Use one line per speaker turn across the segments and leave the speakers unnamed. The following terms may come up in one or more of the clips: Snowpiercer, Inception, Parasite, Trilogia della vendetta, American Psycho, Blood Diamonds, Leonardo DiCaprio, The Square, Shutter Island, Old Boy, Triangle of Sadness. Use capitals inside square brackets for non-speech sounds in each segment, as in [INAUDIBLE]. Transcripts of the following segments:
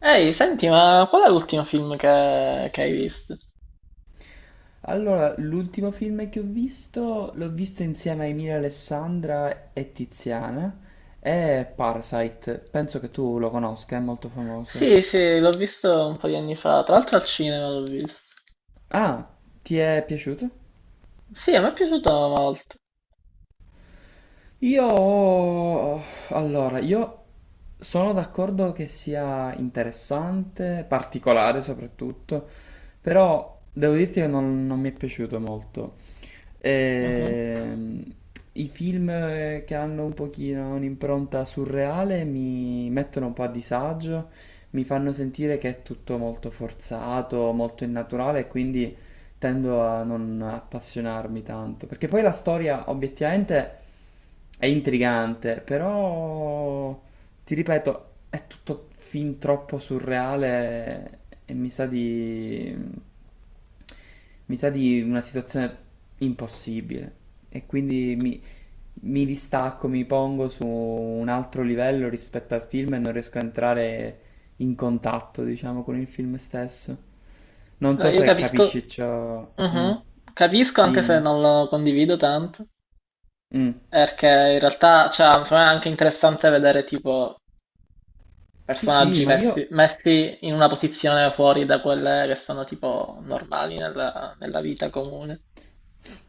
Ehi, senti, ma qual è l'ultimo film che hai visto?
Allora, l'ultimo film che ho visto, l'ho visto insieme a Emilia Alessandra e Tiziana, è Parasite, penso che tu lo conosca, è molto famoso.
Sì, sì, l'ho visto un po' di anni fa, tra l'altro al cinema l'ho visto.
Ah, ti è piaciuto?
Sì, a me è piaciuto molto.
Io, allora, io sono d'accordo che sia interessante, particolare soprattutto, però devo dirti che non mi è piaciuto molto.
Mhm.
Ehm, i film che hanno un pochino un'impronta surreale mi mettono un po' a disagio, mi fanno sentire che è tutto molto forzato, molto innaturale, e quindi tendo a non appassionarmi tanto, perché poi la storia obiettivamente è intrigante, però ti ripeto, è tutto fin troppo surreale e mi sa di una situazione impossibile e quindi mi distacco, mi pongo su un altro livello rispetto al film e non riesco a entrare in contatto, diciamo, con il film stesso. Non so
Io
se
capisco,
capisci ciò. Mm.
mhm. Capisco anche se
Dimmi.
non lo condivido tanto,
Mm.
perché in realtà, cioè, insomma, è anche interessante vedere tipo
Sì, sì,
personaggi
ma io
messi in una posizione fuori da quelle che sono tipo normali nella vita comune.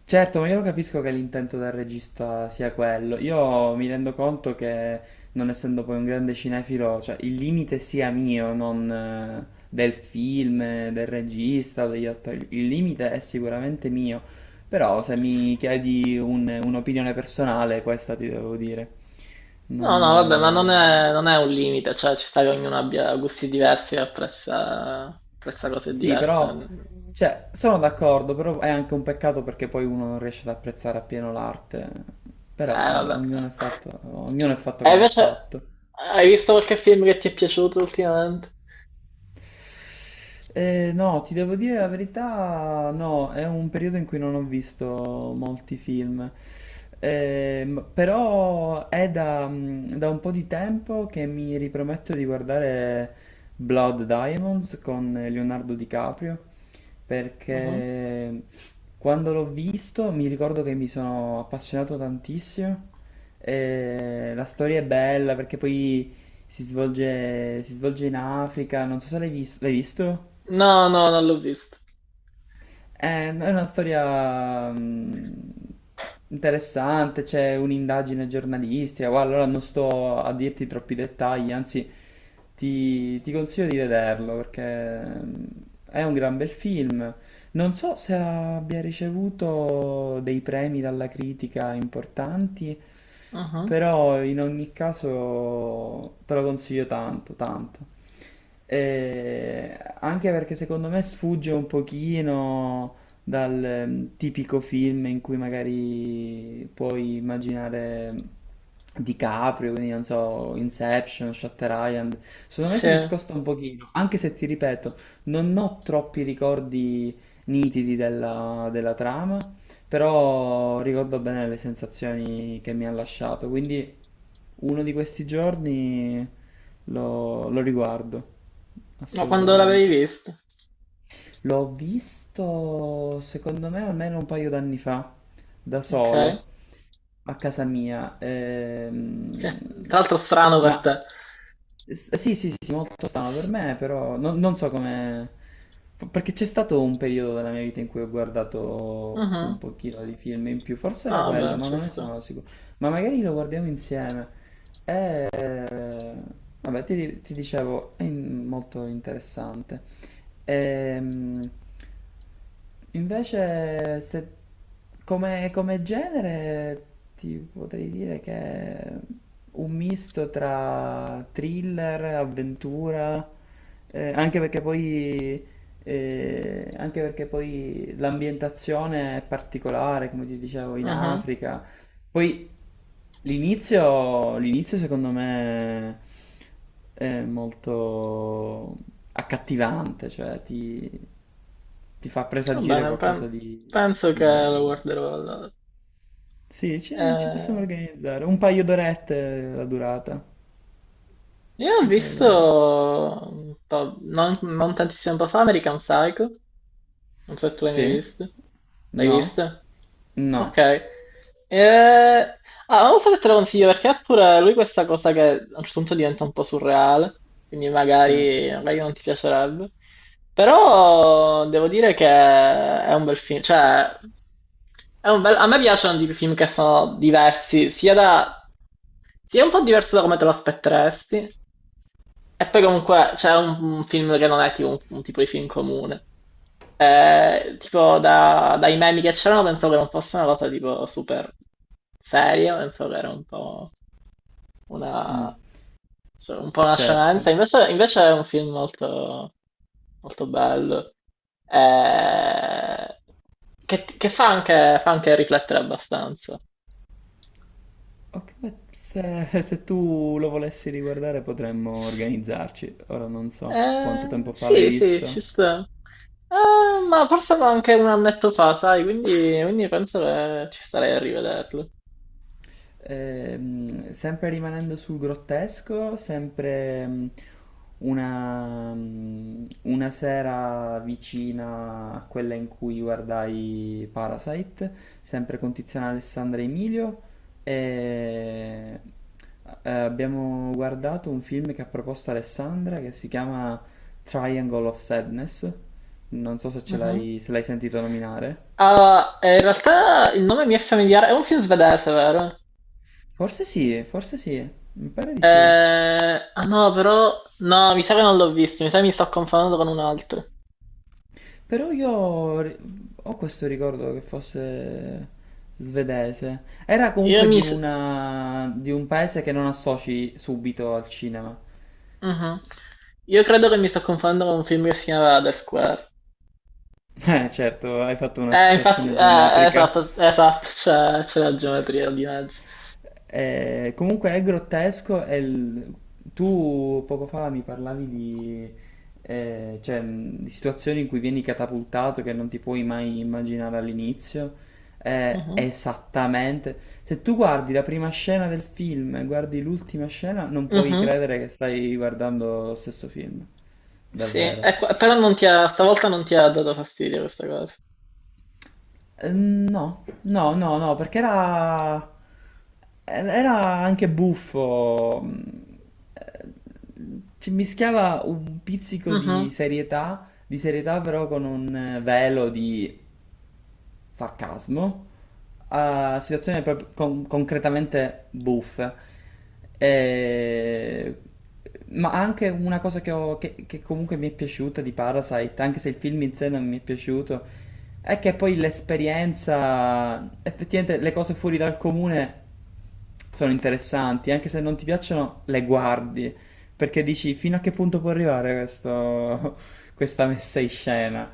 Certo, ma io lo capisco che l'intento del regista sia quello. Io mi rendo conto che, non essendo poi un grande cinefilo, cioè il limite sia mio, non del film, del regista, o degli attori. Il limite è sicuramente mio. Però se mi chiedi un'opinione personale, questa ti devo dire.
No, no, vabbè, ma
Non...
non
eh,
è, non è un limite, cioè ci sta che ognuno abbia gusti diversi e apprezza, apprezza cose
Sì,
diverse.
però, cioè, sono d'accordo, però è anche un peccato perché poi uno non riesce ad apprezzare appieno l'arte. Però, vabbè,
Vabbè.
ognuno è fatto
E
come è
invece,
fatto.
hai visto qualche film che ti è piaciuto ultimamente?
No, ti devo dire la verità, no, è un periodo in cui non ho visto molti film. Però è da un po' di tempo che mi riprometto di guardare Blood Diamonds con Leonardo DiCaprio,
Mhm.
perché quando l'ho visto mi ricordo che mi sono appassionato tantissimo. E la storia è bella perché poi si svolge in Africa, non so se l'hai visto?
No, no, non l'ho visto.
È una storia interessante, c'è un'indagine giornalistica, guarda, allora non sto a dirti troppi dettagli, anzi ti consiglio di vederlo perché è un gran bel film. Non so se abbia ricevuto dei premi dalla critica importanti,
Mhm.
però in ogni caso te lo consiglio tanto, tanto. Anche perché secondo me sfugge un pochino dal tipico film in cui magari puoi immaginare DiCaprio, quindi non so, Inception, Shutter Island. Secondo me
Sì,
si
ma
discosta un pochino, anche se ti ripeto, non ho troppi ricordi nitidi della trama, però ricordo bene le sensazioni che mi ha lasciato, quindi uno di questi giorni lo riguardo,
quando l'avevi
assolutamente.
visto?
L'ho visto, secondo me, almeno un paio d'anni fa, da
Ok,
solo, a casa mia.
che tra l'altro strano per
Ma
te.
sì, sì, sì, sì, molto strano per me, però non so come... Perché c'è stato un periodo della mia vita in cui ho guardato un
Mhm.
pochino di film in più, forse era
No,
quello,
vabbè,
ma
ci
non ne
sta.
sono sicuro. Ma magari lo guardiamo insieme. Eh, Vabbè, ti dicevo, molto interessante. Ehm, Invece, se, come genere, ti potrei dire che è un misto tra thriller, avventura, eh, anche perché poi, anche perché poi l'ambientazione è particolare, come ti dicevo, in
Mhm.
Africa, poi l'inizio secondo me è molto accattivante, ti fa
Va
presagire
bene,
qualcosa
penso
di
che lo
bello.
guarderò allora.
Sì, ci possiamo
Eh,
organizzare. Un paio d'orette la durata.
io ho
Un paio
visto
d'orette.
un po', non tantissimo tempo fa, American Psycho. Non so se tu l'hai mai
Sì?
visto. L'hai
No?
visto? Ok.
No.
Eh, ah, non so se te lo consiglio perché ha pure lui questa cosa che a un certo punto diventa un po' surreale, quindi
Sì.
magari non ti piacerebbe. Però devo dire che è un bel film, cioè a me piacciono di film che sono diversi, sia da... sia un po' diverso da come te lo aspetteresti, e poi comunque c'è un film che non è tipo un tipo di film comune. Tipo dai meme che c'erano pensavo che non fosse una cosa tipo super seria, pensavo che era un po'
Mm,
una, cioè, un po' una scemenza,
certo.
invece è un film molto, molto bello, eh, che fa anche riflettere abbastanza.
Ok, beh, se tu lo volessi riguardare potremmo organizzarci. Ora non so
Eh,
quanto tempo fa l'hai
sì, sì, ci
visto.
sta. Ma forse anche un annetto fa, sai, quindi, quindi penso che ci starei a rivederlo.
Sempre rimanendo sul grottesco, sempre mm, una sera vicina a quella in cui guardai Parasite, sempre con Tiziana Alessandra e Emilio, e abbiamo guardato un film che ha proposto Alessandra che si chiama Triangle of Sadness. Non so se ce
Mhm.
l'hai se l'hai sentito nominare.
Ah, in realtà il nome mi è familiare. È un film svedese, vero?
Forse sì, mi pare di sì.
Ah no, però. No, mi sa che non l'ho visto. Mi sa che mi sto confondendo con un altro.
Però ho questo ricordo che fosse svedese. Era
Io
comunque
mi. s-
di un paese che non associ subito al cinema. [LAUGHS]
Mhm. Io credo che mi sto confondendo con un film che si chiama The Square.
Certo, hai fatto
Infatti.
un'associazione geometrica.
Esatto, esatto. C'è la geometria di mezzo.
Comunque è grottesco. Tu poco fa mi parlavi di situazioni in cui vieni catapultato che non ti puoi mai immaginare all'inizio.
Mhm,
Esattamente. Se tu guardi la prima scena del film e guardi l'ultima scena, non puoi
mhm.
credere che stai guardando lo stesso film.
Sì,
Davvero.
e però non ti ha, stavolta non ti ha dato fastidio questa cosa.
No, no, no, no, perché era anche buffo. Eh, Ci mischiava un pizzico
Mhm,
di serietà però con un velo di sarcasmo a situazioni proprio concretamente buffe. E- Ma anche una cosa che comunque mi è piaciuta di Parasite, anche se il film in sé non mi è piaciuto, è che poi l'esperienza, effettivamente le cose fuori dal comune sono interessanti, anche se non ti piacciono, le guardi, perché dici fino a che punto può arrivare [LAUGHS] questa messa in scena.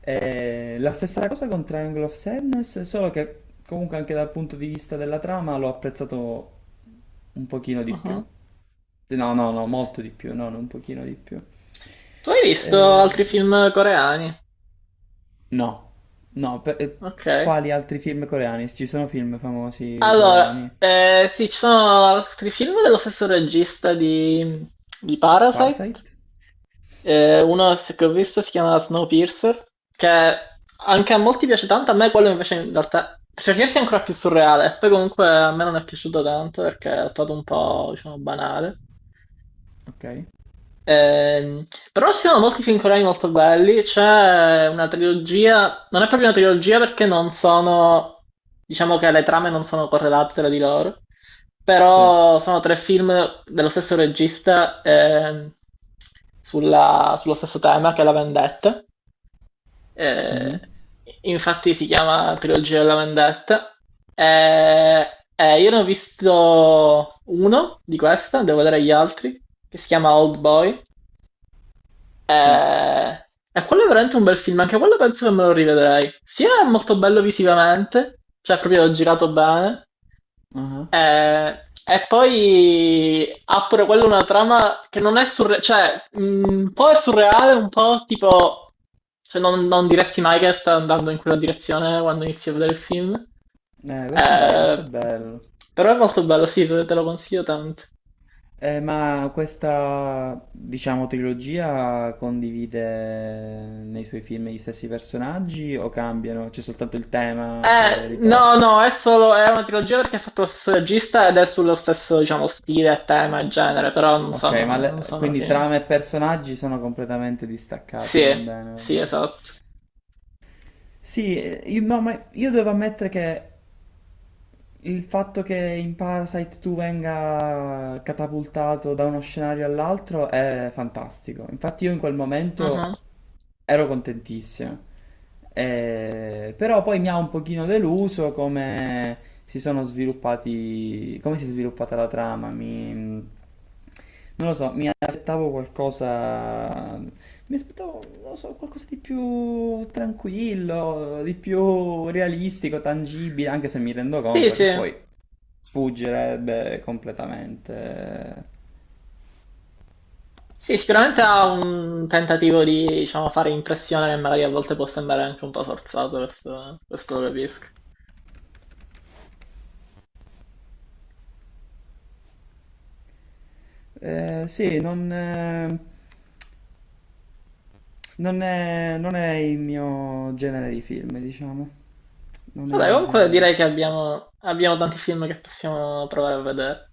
La stessa cosa con Triangle of Sadness, solo che comunque anche dal punto di vista della trama l'ho apprezzato un pochino di più.
mhm.
No, no, no, molto di più, no, no, un pochino di più.
Tu hai visto
Eh,
altri film coreani?
no, no, per- eh,
Ok.
quali altri film coreani? Ci sono film famosi
Allora,
coreani?
sì, ci sono altri film dello stesso regista di Parasite.
Parasite?
Uno se- che ho visto si chiama Snowpiercer, che anche a molti piace tanto, a me quello invece in realtà per certi versi è ancora più surreale. Poi comunque a me non è piaciuto tanto perché l'ho trovato un po', diciamo, banale.
Ok.
Ehm, però ci sono molti film coreani molto belli. C'è una trilogia, non è proprio una trilogia perché non sono, diciamo che le trame non sono correlate tra di loro,
Sì.
però sono tre film dello stesso regista sullo stesso tema che è la vendetta. Eh,
Mhm.
infatti si chiama Trilogia della vendetta. Eh, io ne ho visto uno di questa, devo vedere gli altri, che si chiama Old Boy.
Sì.
Eh, quello è veramente un bel film, anche quello penso che me lo rivedrei. Sia è molto bello visivamente, cioè proprio l'ho girato bene,
Ah.
eh, e poi ha pure quello una trama che non è surreale, cioè un po' è surreale, un po' tipo, cioè non diresti mai che sta andando in quella direzione quando inizi a vedere il film.
Questo dai, questo è
Eh,
bello.
però è molto bello, sì, te te lo consiglio tanto.
Ma questa, diciamo, trilogia condivide nei suoi film gli stessi personaggi o cambiano? C'è soltanto il tema che
No,
ritorna?
no, è solo, è una trilogia perché è fatto lo stesso regista ed è sullo stesso, diciamo, stile, tema e genere, però
Ok, ma
non sono
quindi
film.
trama e personaggi sono completamente distaccati, va
Sì,
bene. Va
sì,
bene.
esatto.
Sì, io, no, ma io devo ammettere che il fatto che in Parasite tu venga catapultato da uno scenario all'altro è fantastico. Infatti io in quel
Mhm.
momento ero contentissimo. Però poi mi ha un pochino deluso come come si è sviluppata la trama. Non lo so, mi aspettavo qualcosa, mi aspettavo, non lo so, qualcosa di più tranquillo, di più realistico, tangibile, anche se mi rendo
Sì,
conto che
sì.
poi sfuggirebbe completamente
Sì, sicuramente
e
ha
basta.
un tentativo di, diciamo, fare impressione che magari a volte può sembrare anche un po' forzato, questo lo capisco.
Sì, non è, non è il mio genere di film, diciamo. Non è il
Vabbè,
mio
comunque
genere di
direi che
film.
abbiamo tanti film che possiamo provare a vedere.